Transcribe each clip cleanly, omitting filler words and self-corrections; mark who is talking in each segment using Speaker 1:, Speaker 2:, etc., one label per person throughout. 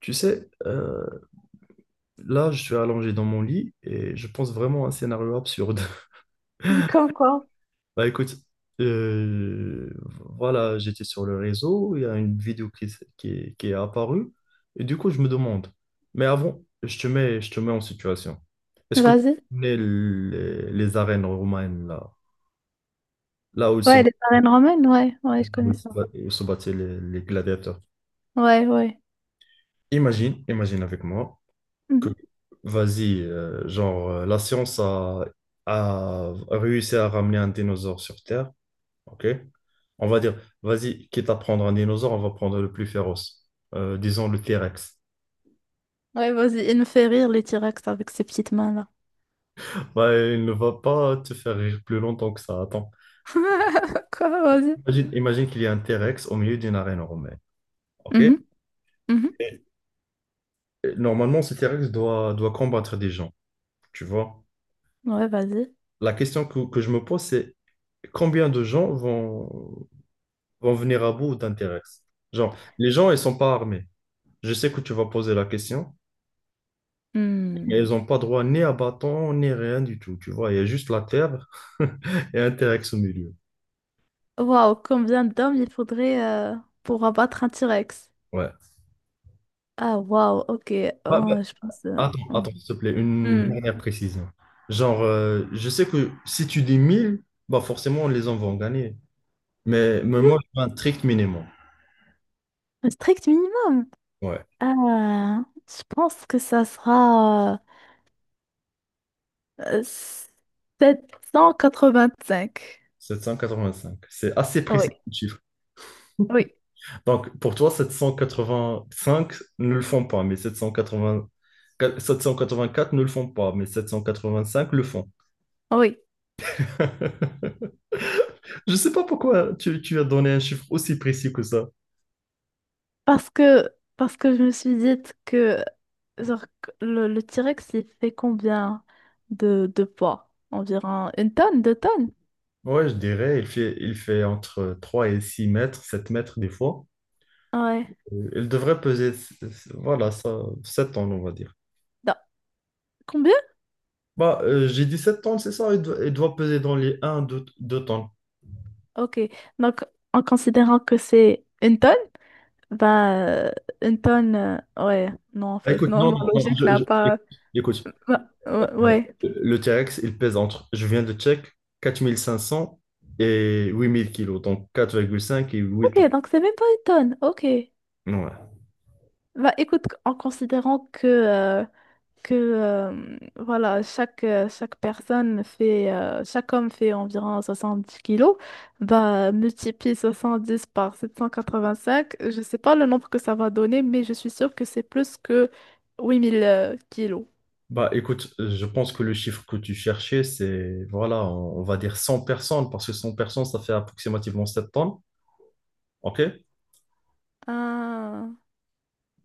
Speaker 1: Tu sais, là, je suis allongé dans mon lit et je pense vraiment à un scénario absurde.
Speaker 2: Comme quoi?
Speaker 1: Bah écoute, euh, voilà, j'étais sur le réseau, il y a une vidéo qui est apparue et du coup, je me demande. Mais avant, je te mets en situation. Est-ce que tu
Speaker 2: Vas-y.
Speaker 1: connais les arènes romaines, là où se,
Speaker 2: Ouais, les arènes romaines, ouais, ouais, je connais
Speaker 1: où se
Speaker 2: ça.
Speaker 1: bat- où se battaient les gladiateurs?
Speaker 2: Ouais, ouais.
Speaker 1: Imagine avec moi. que-
Speaker 2: Mhm.
Speaker 1: Vas-y, genre, la science a réussi à ramener un dinosaure sur Terre, ok? On va dire, vas-y, quitte à prendre un dinosaure, on va prendre le plus féroce. Disons le T-Rex.
Speaker 2: Ouais, vas-y, il me fait rire les T-Rex avec ses petites mains-là.
Speaker 1: Bah, il ne va pas te faire rire plus longtemps que ça, attends.
Speaker 2: Quoi, vas-y.
Speaker 1: Imagine qu'il y a un T-Rex au milieu d'une arène romaine, ok?
Speaker 2: Mhm,
Speaker 1: Et- et normalement, ce T-Rex doit combattre des gens, tu vois?
Speaker 2: mhm. Ouais, vas-y.
Speaker 1: La question que je me pose, c'est combien de gens vont venir à bout d'intéresse. Genre, les gens, ils sont pas armés. Je sais que tu vas poser la question, et
Speaker 2: Hmm.
Speaker 1: ils n'ont pas droit ni à bâton, ni rien du tout. Tu vois, il y a juste la terre et Interex au milieu.
Speaker 2: Waouh, combien d'hommes il faudrait pour abattre un T-Rex?
Speaker 1: Ouais.
Speaker 2: Ah, waouh, ok.
Speaker 1: Bah,
Speaker 2: Oh, je pense,
Speaker 1: attends,
Speaker 2: oh.
Speaker 1: attends, s'il te plaît, une
Speaker 2: Hmm.
Speaker 1: dernière précision. Genre, je sais que si tu dis 1000, bah forcément, les gens vont gagner. Mais moi, je fais un strict minimum.
Speaker 2: Un strict minimum.
Speaker 1: Ouais,
Speaker 2: Ah, je pense que ça sera cinq
Speaker 1: 785. C'est assez
Speaker 2: Oui.
Speaker 1: précis, le chiffre.
Speaker 2: Oui,
Speaker 1: Donc, pour toi, 785 ne le font pas, mais 780 784 ne le font pas, mais 785 le font.
Speaker 2: oui.
Speaker 1: Je sais pas pourquoi tu as donné un chiffre aussi précis que ça.
Speaker 2: Parce que, parce que je me suis dit que genre, que le T-Rex, il fait combien de poids? Environ une tonne, deux tonnes?
Speaker 1: Ouais, je dirais, il fait entre 3 et 6 mètres, 7 mètres des fois.
Speaker 2: Ouais.
Speaker 1: Il devrait peser, voilà, ça, 7 tonnes, on va dire.
Speaker 2: Non, combien?
Speaker 1: Bah, j'ai dit 7 tonnes, c'est ça, il doit peser dans les 1, 2 tonnes.
Speaker 2: Ok. Donc, en considérant que c'est une tonne, bah, une tonne, ouais. Non, en
Speaker 1: Ah,
Speaker 2: fait,
Speaker 1: écoute,
Speaker 2: non,
Speaker 1: non,
Speaker 2: ma
Speaker 1: non, non,
Speaker 2: logique n'a pas.
Speaker 1: écoute.
Speaker 2: ma- Ouais.
Speaker 1: Le T-Rex, il pèse entre, je viens de check, 4 500 et 8 000 kilos, donc 4,5 et 8
Speaker 2: Ok,
Speaker 1: ans.
Speaker 2: donc c'est même pas une tonne. Ok.
Speaker 1: Ouais.
Speaker 2: Bah, écoute, en considérant que, voilà, chaque personne fait, chaque homme fait environ 70 kilos. Bah, multiplie 70 par 785, je sais pas le nombre que ça va donner, mais je suis sûre que c'est plus que 8 000 kilos.
Speaker 1: Bah écoute, je pense que le chiffre que tu cherchais, c'est, voilà, on va dire 100 personnes, parce que 100 personnes, ça fait approximativement 7 tonnes. OK?
Speaker 2: Ah,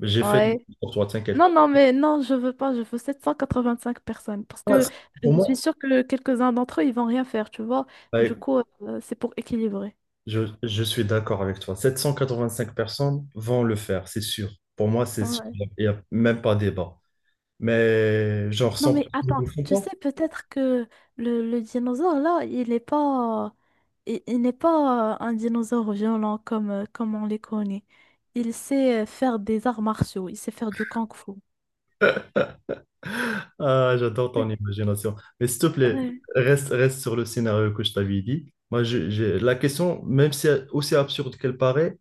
Speaker 1: J'ai fait
Speaker 2: ouais.
Speaker 1: pour toi, t'inquiète.
Speaker 2: Non, non, mais non, je veux pas, je veux 785 personnes, parce
Speaker 1: Ah,
Speaker 2: que
Speaker 1: c'est- Pour
Speaker 2: je suis
Speaker 1: moi,
Speaker 2: sûre que quelques-uns d'entre eux, ils vont rien faire, tu vois.
Speaker 1: bah,
Speaker 2: Du
Speaker 1: écoute,
Speaker 2: coup, c'est pour équilibrer.
Speaker 1: je suis d'accord avec toi. 785 personnes vont le faire, c'est sûr. Pour moi, c'est sûr.
Speaker 2: Ouais.
Speaker 1: Il n'y a même pas débat. Mais genre
Speaker 2: Non
Speaker 1: 100
Speaker 2: mais
Speaker 1: personnes
Speaker 2: attends,
Speaker 1: ne le font
Speaker 2: tu
Speaker 1: pas.
Speaker 2: sais peut-être que le dinosaure là, il n'est pas un dinosaure violent comme on les connaît. Il sait faire des arts martiaux, il sait faire du kung-fu.
Speaker 1: Ah, j'adore ton
Speaker 2: Ouais.
Speaker 1: imagination. Mais s'il te plaît,
Speaker 2: Ouais.
Speaker 1: reste sur le scénario que je t'avais dit. Moi, la question, même si aussi absurde qu'elle paraît,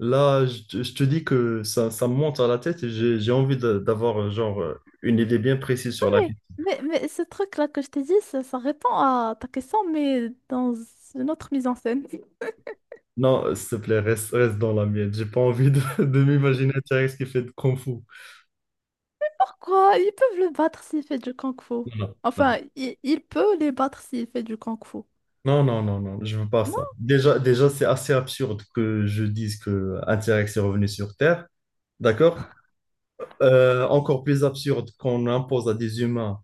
Speaker 1: là, je te dis que ça me monte à la tête et j'ai envie d'avoir genre une idée bien précise
Speaker 2: Non,
Speaker 1: sur la
Speaker 2: mais,
Speaker 1: question.
Speaker 2: mais, mais ce truc-là que je t'ai dit, ça répond à ta question, mais dans une autre mise en scène.
Speaker 1: Non, s'il te plaît, reste dans la mienne. J'ai pas envie de m'imaginer un T-Rex qui fait de Kung Fu.
Speaker 2: Pourquoi? Ils peuvent le battre s'il fait du kung-fu.
Speaker 1: Non, non,
Speaker 2: Enfin, il peut les battre s'il fait du kung-fu.
Speaker 1: non, non, non, non, je veux pas ça. Déjà c'est assez absurde que je dise qu'un T-Rex est revenu sur Terre. D'accord? Encore plus absurde qu'on impose à des humains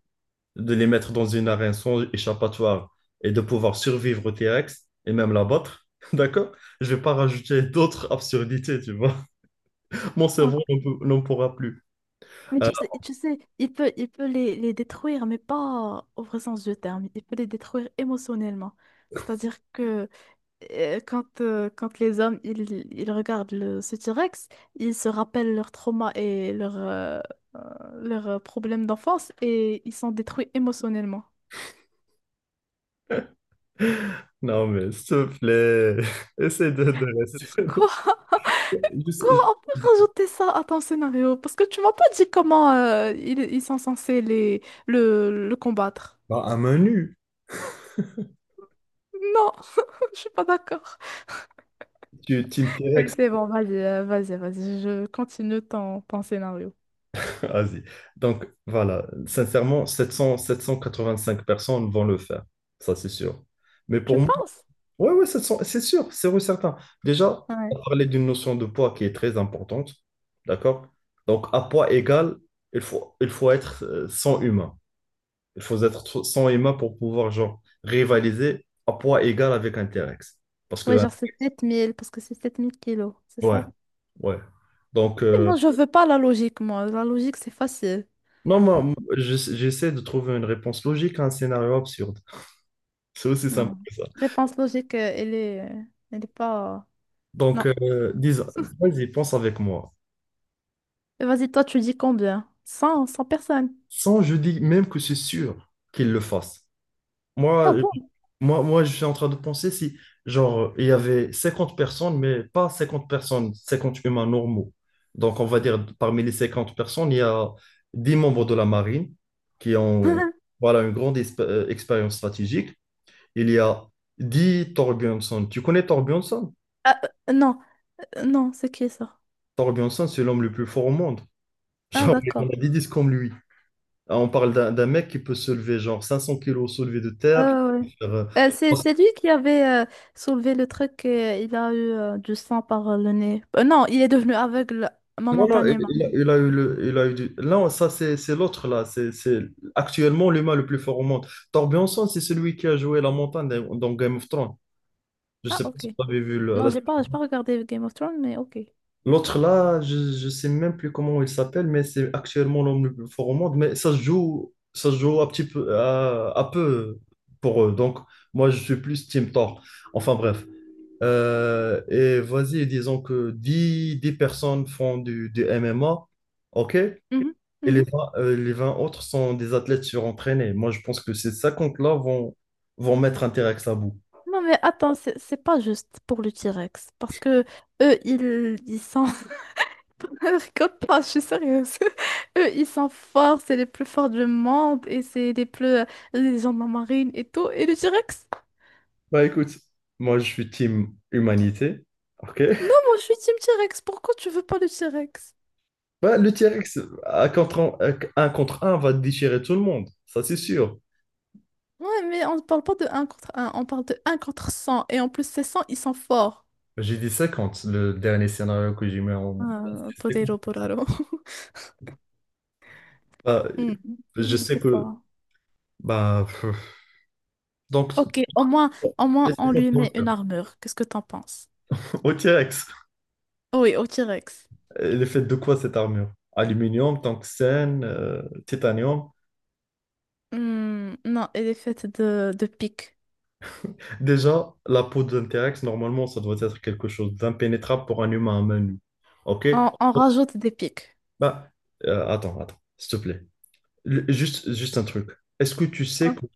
Speaker 1: de les mettre dans une arène sans échappatoire et de pouvoir survivre au T-Rex et même l'abattre, d'accord? Je vais pas rajouter d'autres absurdités, tu vois. Mon
Speaker 2: Non?
Speaker 1: cerveau n'en pourra plus.
Speaker 2: Mais
Speaker 1: Ah,
Speaker 2: tu sais, il peut les détruire, mais pas au vrai sens du terme. Il peut les détruire émotionnellement. C'est-à-dire que quand les hommes ils regardent ce T-Rex, ils se rappellent leurs traumas et euh, leurs problèmes d'enfance et ils sont détruits émotionnellement.
Speaker 1: non, mais s'il te plaît, essaie de rester.
Speaker 2: Quoi?
Speaker 1: Je sais-
Speaker 2: Quoi?
Speaker 1: je-
Speaker 2: On peut rajouter ça à ton scénario? Parce que tu m'as pas dit comment ils sont censés le combattre.
Speaker 1: Bah, un menu,
Speaker 2: Non, je suis pas d'accord.
Speaker 1: tu Team
Speaker 2: Ok,
Speaker 1: T-Rex,
Speaker 2: c'est bon, vas-y, vas-y, vas-y, je continue ton scénario.
Speaker 1: vas-y. Donc voilà, sincèrement, 700, 785 personnes vont le faire, ça c'est sûr. Mais pour.
Speaker 2: Tu penses?
Speaker 1: Oui, oui, c'est sûr, c'est sûr, c'est certain. Déjà, on
Speaker 2: Ouais.
Speaker 1: parlait d'une notion de poids qui est très importante, d'accord? Donc, à poids égal, il faut être 100 humains. Il faut être 100 humains pour pouvoir, genre, rivaliser à poids égal avec un T-Rex. Parce
Speaker 2: Ouais,
Speaker 1: que,
Speaker 2: genre c'est 7 000 parce que c'est 7 000 kilos, c'est
Speaker 1: ouais,
Speaker 2: ça?
Speaker 1: ouais. Donc,
Speaker 2: Mais moi, je, oui, veux pas la logique, moi. La logique, c'est facile.
Speaker 1: non, moi, j'essaie de trouver une réponse logique à un scénario absurde. C'est aussi simple
Speaker 2: Non.
Speaker 1: que ça.
Speaker 2: Réponse logique, elle est pas... euh,
Speaker 1: Donc,
Speaker 2: Non.
Speaker 1: disons, vas-y, pense avec moi.
Speaker 2: Mais vas-y, toi, tu dis combien? Cent personnes.
Speaker 1: Sans, je dis même que c'est sûr qu'il le fasse. Moi,
Speaker 2: Ah
Speaker 1: euh,
Speaker 2: bon?
Speaker 1: moi, je suis en train de penser si, genre, il y avait 50 personnes, mais pas 50 personnes, 50 humains normaux. Donc, on va dire, parmi les 50 personnes, il y a 10 membres de la marine qui ont, voilà, une grande expérience stratégique. Il y a 10 Thorbjörnson. Tu connais Thorbjörnson?
Speaker 2: Ah, non, non, c'est qui ça?
Speaker 1: Thorbjörnson, c'est l'homme le plus fort au monde.
Speaker 2: Ah,
Speaker 1: Genre, on a
Speaker 2: d'accord.
Speaker 1: 10 disques comme lui. On parle d'un mec qui peut se lever, genre, 500 kilos soulevés de terre,
Speaker 2: Ah ouais.
Speaker 1: qui peut faire, euh,
Speaker 2: C'est lui qui avait soulevé le truc et il a eu du sang par le nez. Non, il est devenu aveugle
Speaker 1: non, non, il
Speaker 2: momentanément.
Speaker 1: il a eu du... Non, ça, c'est l'autre, là. C'est actuellement l'humain le plus fort au monde. Thor Bjornsson, c'est celui qui a joué la montagne dans Game of Thrones. Je
Speaker 2: Ah,
Speaker 1: sais pas
Speaker 2: ok.
Speaker 1: si vous avez vu
Speaker 2: Non, j'ai pas regardé Game of Thrones, mais ok.
Speaker 1: l'autre, là, je sais même plus comment il s'appelle, mais c'est actuellement l'homme le plus fort au monde. Mais ça se joue un petit peu, à peu pour eux. Donc, moi, je suis plus Team Thor. Enfin, bref. Et vas-y, disons que dix personnes font du MMA. OK? Et
Speaker 2: Mhm,
Speaker 1: les
Speaker 2: mhm.
Speaker 1: 20 les 20 autres sont des athlètes surentraînés. Moi, je pense que ces 50 là vont mettre T-Rex à bout.
Speaker 2: Non, mais attends, c'est pas juste pour le T-Rex. Parce que eux, ils sont. Je rigole pas, je suis sérieuse. Eux, ils sont forts, c'est les plus forts du monde et c'est les plus, les gens de la marine et tout. Et le T-Rex?
Speaker 1: Bah écoute, moi, je suis team humanité. Ok.
Speaker 2: Non, moi, je suis Team T-Rex. Pourquoi tu veux pas le T-Rex?
Speaker 1: Bah, le T-Rex, à contre un, à- un contre un, va déchirer tout le monde. Ça, c'est sûr.
Speaker 2: Ouais, mais on parle pas de un contre un, on parle de un contre cent. Et en plus, ces 100, ils sont forts.
Speaker 1: J'ai dit 50, le dernier scénario que j'ai mis en...
Speaker 2: Ah,
Speaker 1: C'est...
Speaker 2: Podero Poraro.
Speaker 1: Bah,
Speaker 2: Hmm,
Speaker 1: je
Speaker 2: je
Speaker 1: sais
Speaker 2: sais
Speaker 1: que...
Speaker 2: pas.
Speaker 1: Bah, pff. Donc,
Speaker 2: Ok,
Speaker 1: pour
Speaker 2: au moins,
Speaker 1: les
Speaker 2: on
Speaker 1: 50,
Speaker 2: lui
Speaker 1: on le
Speaker 2: met
Speaker 1: fait.
Speaker 2: une armure. Qu'est-ce que t'en penses?
Speaker 1: Au T-Rex,
Speaker 2: Oui, au T-Rex.
Speaker 1: elle est faite de quoi cette armure? Aluminium, tungstène, titanium.
Speaker 2: Hmm, non, elle est faite de pics.
Speaker 1: Déjà, la peau d'un T-Rex, normalement, ça doit être quelque chose d'impénétrable pour un humain à main nue. OK?
Speaker 2: On rajoute des pics.
Speaker 1: Bah, attends, s'il te plaît. Juste un truc. Est-ce que tu sais
Speaker 2: Ouais.
Speaker 1: que,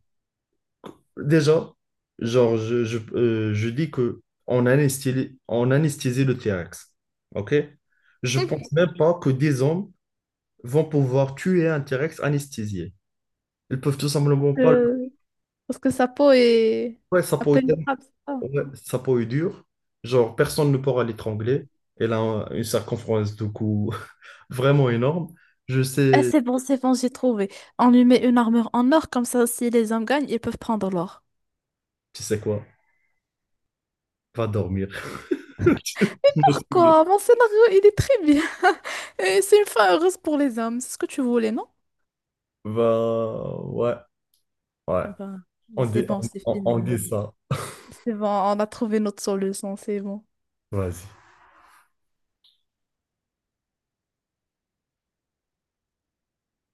Speaker 1: déjà, genre, je dis que on anesthésie le T-Rex. OK? Je pense même pas que des hommes vont pouvoir tuer un T-Rex anesthésié. Ils peuvent tout simplement pas le...
Speaker 2: Euh, Parce que sa peau est
Speaker 1: Ouais, ça
Speaker 2: à
Speaker 1: pourrait.
Speaker 2: peine trappe, c'est ça.
Speaker 1: Ouais, sa peau est dure, genre personne ne pourra l'étrangler. Elle a une circonférence de cou vraiment énorme. Je
Speaker 2: Ah,
Speaker 1: sais,
Speaker 2: c'est bon, j'ai trouvé. On lui met une armure en or, comme ça, si les hommes gagnent, ils peuvent prendre l'or.
Speaker 1: tu sais quoi, va dormir. Je me souviens.
Speaker 2: Quoi? Mon scénario, il est très bien. Et c'est une fin heureuse pour les hommes. C'est ce que tu voulais, non?
Speaker 1: Va, ouais, ouais,
Speaker 2: Eh ben,
Speaker 1: on
Speaker 2: c'est
Speaker 1: dit,
Speaker 2: bon,
Speaker 1: on,
Speaker 2: c'est
Speaker 1: on-
Speaker 2: fini.
Speaker 1: on dit ça.
Speaker 2: C'est bon, on a trouvé notre solution, c'est bon.
Speaker 1: Vas-y.